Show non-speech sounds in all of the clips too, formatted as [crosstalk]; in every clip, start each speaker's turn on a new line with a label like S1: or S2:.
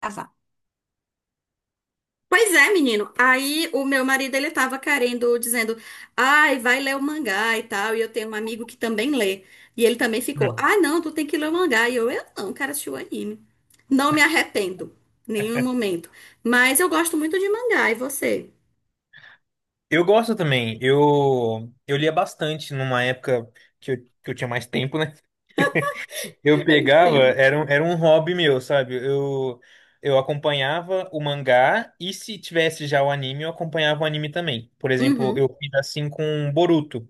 S1: Casar. Pois é, menino. Aí o meu marido ele tava querendo, dizendo, ai, vai ler o mangá e tal. E eu tenho um amigo que também lê. E ele também ficou,
S2: Hum.
S1: ah, não, tu tem que ler o mangá. E eu não, cara, assistir o anime. Não me arrependo, nenhum momento. Mas eu gosto muito de mangá, e você?
S2: Eu gosto também. Eu lia bastante numa época que eu, que eu tinha mais tempo, né? Eu
S1: [laughs] Eu
S2: pegava,
S1: entendo.
S2: era, era um hobby meu, sabe? Eu acompanhava o mangá e se tivesse já o anime, eu acompanhava o anime também. Por exemplo,
S1: Uhum.
S2: eu fiz assim com Boruto.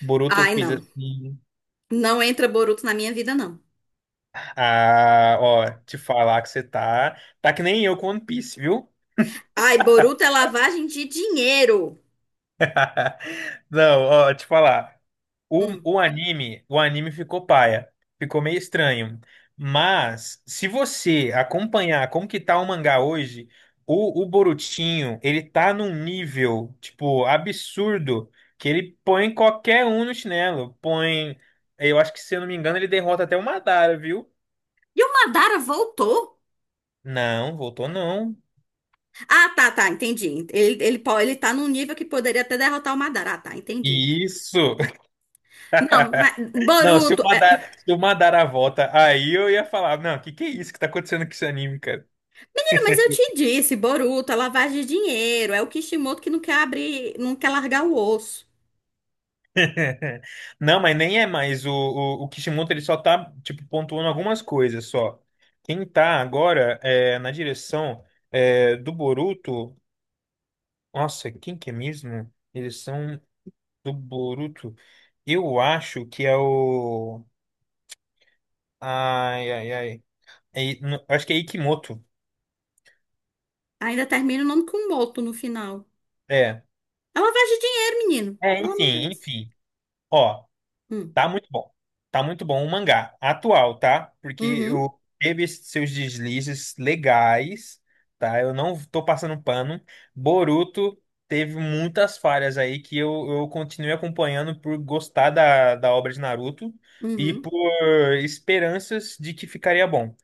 S2: Boruto eu
S1: Ai,
S2: fiz
S1: não.
S2: assim.
S1: Não entra Boruto na minha vida, não.
S2: Ah, ó, te falar que você tá. Tá que nem eu com One Piece, viu?
S1: Ai, Boruto é lavagem de dinheiro.
S2: Não, ó, te falar. O,
S1: Hum.
S2: o anime, o anime ficou paia. Ficou meio estranho. Mas, se você acompanhar como que tá o mangá hoje, o Borutinho, ele tá num nível, tipo, absurdo, que ele põe qualquer um no chinelo. Põe, eu acho que, se eu não me engano, ele derrota até o Madara, viu?
S1: E o Madara voltou?
S2: Não, voltou não.
S1: Ah, tá, tá, entendi. Ele tá num nível que poderia até derrotar o Madara. Ah, tá, entendi.
S2: Isso!
S1: Não, mas
S2: [laughs] Não,
S1: Boruto.
S2: Se o Madara volta, aí eu ia falar, não, o que que é isso que tá acontecendo com esse anime, cara?
S1: Menino, mas eu te disse, Boruto é lavagem de dinheiro. É o Kishimoto que não quer abrir, não quer largar o osso.
S2: [laughs] Não, mas nem é mais. O Kishimoto ele só tá, tipo, pontuando algumas coisas só. Quem tá agora é, na direção é, do Boruto. Nossa, quem que é mesmo? Direção do Boruto. Eu acho que é o. Ai, ai, ai. Não, acho que é Ikimoto.
S1: Ainda termina o nome com Moto no final.
S2: É.
S1: É lavagem de dinheiro, menino.
S2: É,
S1: Pelo amor de
S2: enfim,
S1: Deus.
S2: enfim. Ó.
S1: Hum.
S2: Tá muito bom. Tá muito bom o mangá atual, tá? Porque
S1: Uhum,
S2: eu teve esses seus deslizes legais, tá? Eu não tô passando pano. Boruto teve muitas falhas aí que eu continuei acompanhando por gostar da obra de Naruto e
S1: uhum,
S2: por esperanças de que ficaria bom.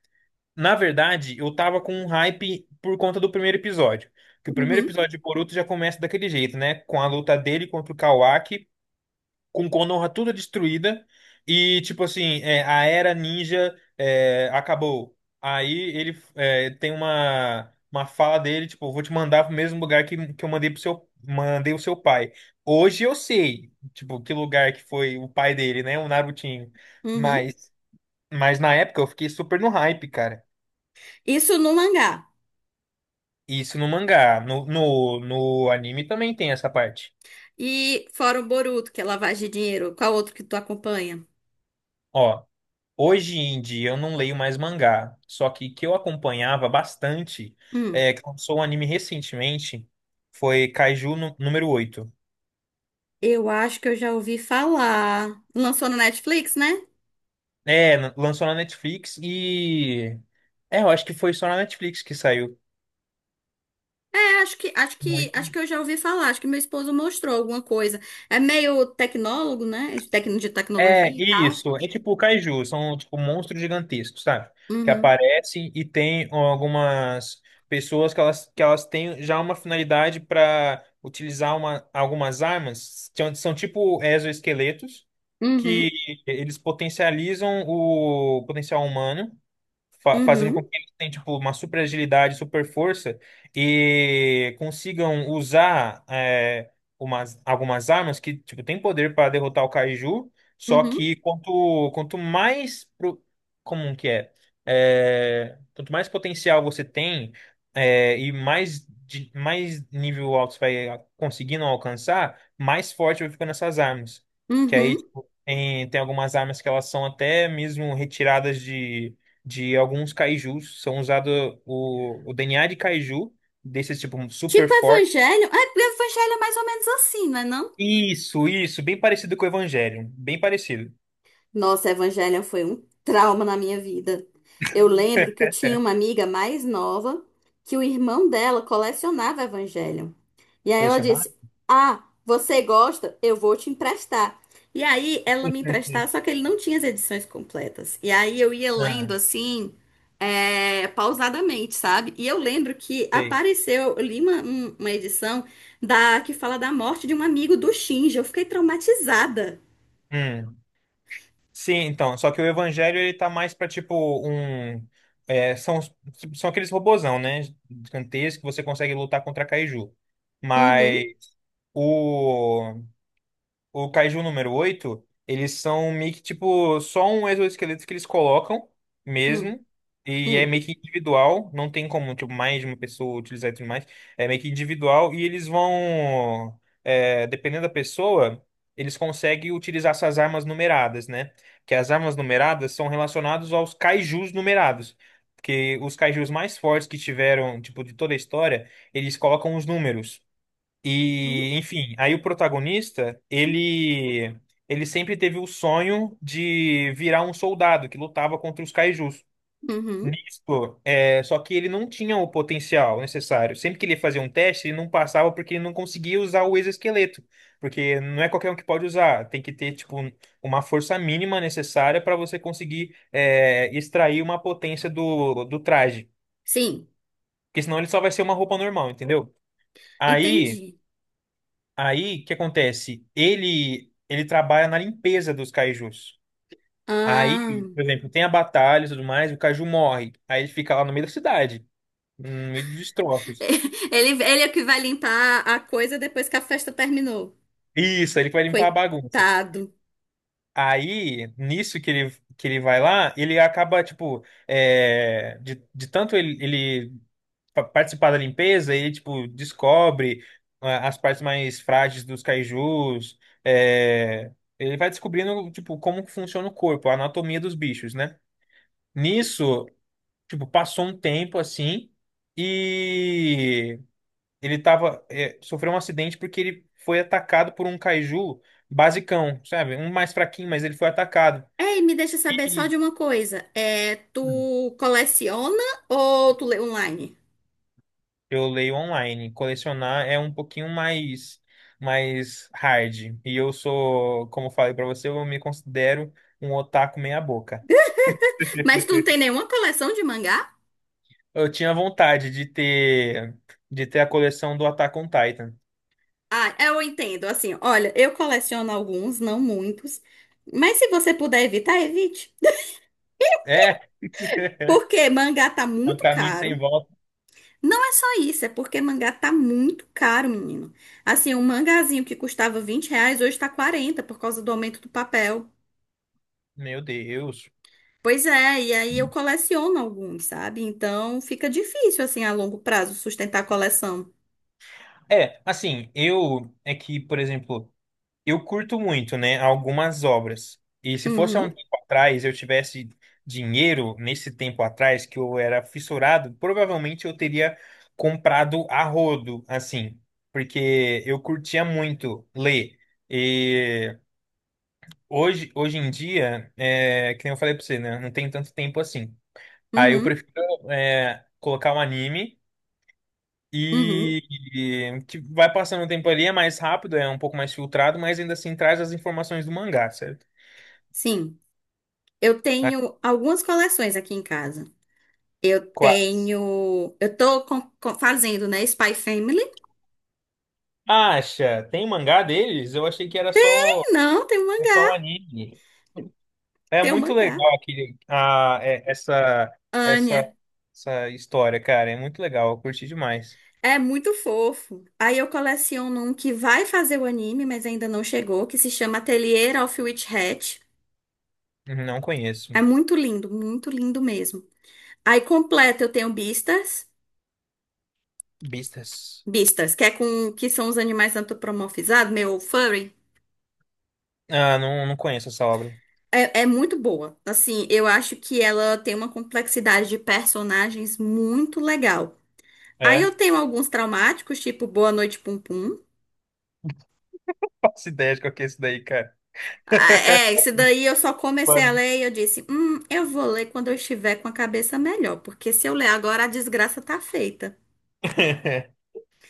S2: Na verdade, eu tava com um hype por conta do primeiro episódio. Que o primeiro
S1: uhum,
S2: episódio de Boruto já começa daquele jeito, né? Com a luta dele contra o Kawaki, com Konoha tudo destruída e tipo assim é, a era ninja é, acabou. Aí ele é, tem uma fala dele tipo vou te mandar pro mesmo lugar que eu mandei pro seu, mandei o seu pai. Hoje eu sei tipo que lugar que foi o pai dele, né, o Narutinho.
S1: uhum.
S2: mas mas na época eu fiquei super no hype, cara.
S1: Isso no mangá.
S2: Isso no mangá, no anime também tem essa parte.
S1: E fora o Boruto, que é lavagem de dinheiro, qual outro que tu acompanha?
S2: Ó, hoje em dia eu não leio mais mangá, só que eu acompanhava bastante,
S1: Hum.
S2: é, que lançou um anime recentemente, foi Kaiju número 8.
S1: Eu acho que eu já ouvi falar. Lançou no Netflix, né?
S2: É, lançou na Netflix e. É, eu acho que foi só na Netflix que saiu.
S1: É, acho que, acho que, acho
S2: Muito.
S1: que eu já ouvi falar. Acho que meu esposo mostrou alguma coisa. É meio tecnólogo, né? De
S2: É,
S1: tecnologia e tal.
S2: isso. É tipo Kaiju, são tipo monstros gigantescos, sabe? Que
S1: Uhum,
S2: aparecem e tem algumas pessoas que elas têm já uma finalidade para utilizar uma, algumas armas, são, são tipo exoesqueletos. Que
S1: uhum,
S2: eles potencializam o potencial humano, fazendo com
S1: uhum,
S2: que eles tenham tipo, uma super agilidade, super força e consigam usar é, umas, algumas armas que tipo, têm poder para derrotar o Kaiju, só
S1: uhum,
S2: quanto mais pro, como que é? É, quanto mais potencial você tem é, e mais, mais nível alto você vai conseguindo alcançar, mais forte vai ficando essas armas. Que aí,
S1: uhum.
S2: tipo, tem algumas armas que elas são até mesmo retiradas de alguns kaijus. São usados o DNA de kaiju, desses tipo super
S1: Tipo
S2: forte.
S1: evangelho. É, evangelho é mais ou menos assim, não é não?
S2: Isso, bem parecido com o Evangelion. Bem parecido.
S1: Nossa, Evangelion foi um trauma na minha vida. Eu lembro que eu tinha uma amiga mais nova que o irmão dela colecionava Evangelion. E aí ela
S2: Colecionar?
S1: disse: ah, você gosta? Eu vou te emprestar. E aí ela me emprestava, só
S2: [laughs]
S1: que ele não tinha as edições completas. E aí eu ia
S2: Ah,
S1: lendo assim, é, pausadamente, sabe? E eu lembro que
S2: sei.
S1: apareceu, eu li uma edição da que fala da morte de um amigo do Shinji. Eu fiquei traumatizada.
S2: Hum. Sim, então, só que o Evangelho ele tá mais pra tipo um. É, são, são aqueles robozão, né? Gigantescos que você consegue lutar contra Kaiju. Mas
S1: Uhum,
S2: o. o Kaiju número 8 eles são meio que tipo só um exoesqueleto que eles colocam
S1: hum,
S2: mesmo. E é
S1: hum.
S2: meio que individual, não tem como tipo, mais de uma pessoa utilizar e tudo mais. É meio que individual e eles vão, é, dependendo da pessoa, eles conseguem utilizar essas armas numeradas, né? Que as armas numeradas são relacionadas aos kaijus numerados. Porque os kaijus mais fortes que tiveram, tipo, de toda a história, eles colocam os números.
S1: Hum,
S2: E, enfim, aí o protagonista, ele sempre teve o sonho de virar um soldado que lutava contra os kaijus.
S1: uhum.
S2: Nisso, é, só que ele não tinha o potencial necessário. Sempre que ele fazia um teste, ele não passava porque ele não conseguia usar o exoesqueleto, porque não é qualquer um que pode usar. Tem que ter tipo uma força mínima necessária para você conseguir é, extrair uma potência do traje,
S1: Sim,
S2: porque senão ele só vai ser uma roupa normal, entendeu? Aí.
S1: entendi.
S2: Aí, o que acontece? Ele trabalha na limpeza dos cajus.
S1: Ah,
S2: Aí, por exemplo, tem a batalha e tudo mais, o caju morre. Aí ele fica lá no meio da cidade, no meio dos destroços.
S1: [laughs] ele é o que vai limpar a coisa depois que a festa terminou.
S2: Isso, aí ele vai limpar a bagunça.
S1: Coitado.
S2: Aí, nisso que ele vai lá, ele acaba, tipo, é, de tanto ele, ele participar da limpeza, ele, tipo, descobre, ah, as partes mais frágeis dos kaijus, é, ele vai descobrindo, tipo, como que funciona o corpo, a anatomia dos bichos, né? Nisso, tipo, passou um tempo, assim, e ele tava, é, sofreu um acidente porque ele foi atacado por um kaiju basicão, sabe? Um mais fraquinho, mas ele foi atacado.
S1: Ei, me deixa saber só de uma coisa. É, tu coleciona ou tu lê online?
S2: Eu leio online. Colecionar é um pouquinho mais hard. E eu sou, como eu falei pra você, eu me considero um otaku meia boca.
S1: Mas tu
S2: [laughs]
S1: não tem nenhuma coleção de mangá?
S2: Eu tinha vontade de ter a coleção do Attack on Titan.
S1: Ah, eu entendo. Assim, olha, eu coleciono alguns, não muitos. Mas se você puder evitar, evite.
S2: É, [laughs] é
S1: Porque mangá tá
S2: um
S1: muito
S2: caminho sem
S1: caro.
S2: volta.
S1: Não é só isso, é porque mangá tá muito caro, menino. Assim, um mangazinho que custava R$ 20 hoje tá 40 por causa do aumento do papel.
S2: Meu Deus.
S1: Pois é, e aí eu coleciono alguns, sabe? Então fica difícil, assim, a longo prazo sustentar a coleção.
S2: É, assim, eu é que, por exemplo, eu curto muito, né, algumas obras. E se fosse há um
S1: Uhum,
S2: tempo atrás, eu tivesse dinheiro nesse tempo atrás que eu era fissurado, provavelmente eu teria comprado a rodo, assim, porque eu curtia muito ler. E hoje, hoje em dia, é, que nem eu falei pra você, né, não tem tanto tempo assim. Aí eu
S1: uhum,
S2: prefiro é, colocar um anime
S1: uhum.
S2: e que vai passando o tempo ali, é mais rápido, é um pouco mais filtrado, mas ainda assim traz as informações do mangá, certo?
S1: Sim, eu
S2: Na
S1: tenho algumas coleções aqui em casa. Eu
S2: quase.
S1: tenho. Eu tô fazendo, né? Spy Family.
S2: Acha? Tem mangá deles? Eu achei que era só,
S1: Não, tem um
S2: é só o
S1: mangá,
S2: anime. É
S1: tem um
S2: muito
S1: mangá.
S2: legal aquele, ah, essa,
S1: Anya.
S2: essa história, cara. É muito legal. Eu curti demais.
S1: É muito fofo. Aí eu coleciono um que vai fazer o anime, mas ainda não chegou, que se chama Atelier of Witch Hat.
S2: Não conheço.
S1: É muito lindo mesmo. Aí completo eu tenho Beastars.
S2: Beastars.
S1: Beastars, que é com que são os animais antropomorfizados, meu furry.
S2: Ah, não, não conheço essa obra.
S1: É, é muito boa. Assim, eu acho que ela tem uma complexidade de personagens muito legal. Aí
S2: É?
S1: eu tenho alguns traumáticos, tipo Boa Noite Pum Pum.
S2: [laughs] Faço ideia de qual que é isso daí, cara.
S1: Ah, é,
S2: [laughs]
S1: esse daí eu só comecei a
S2: Mano.
S1: ler e eu disse, eu vou ler quando eu estiver com a cabeça melhor, porque se eu ler agora a desgraça tá feita.
S2: [laughs]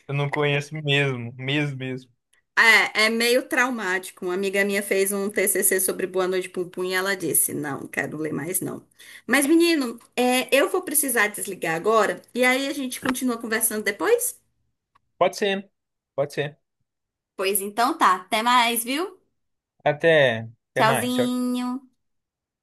S2: Eu não conheço mesmo. Mesmo, mesmo.
S1: É, é meio traumático. Uma amiga minha fez um TCC sobre Boa Noite Pum Pum e ela disse, não, quero ler mais não. Mas menino, é, eu vou precisar desligar agora e aí a gente continua conversando depois?
S2: Pode ser. Pode ser.
S1: Pois então tá, até mais, viu?
S2: Até, até mais. Tchau.
S1: Tchauzinho.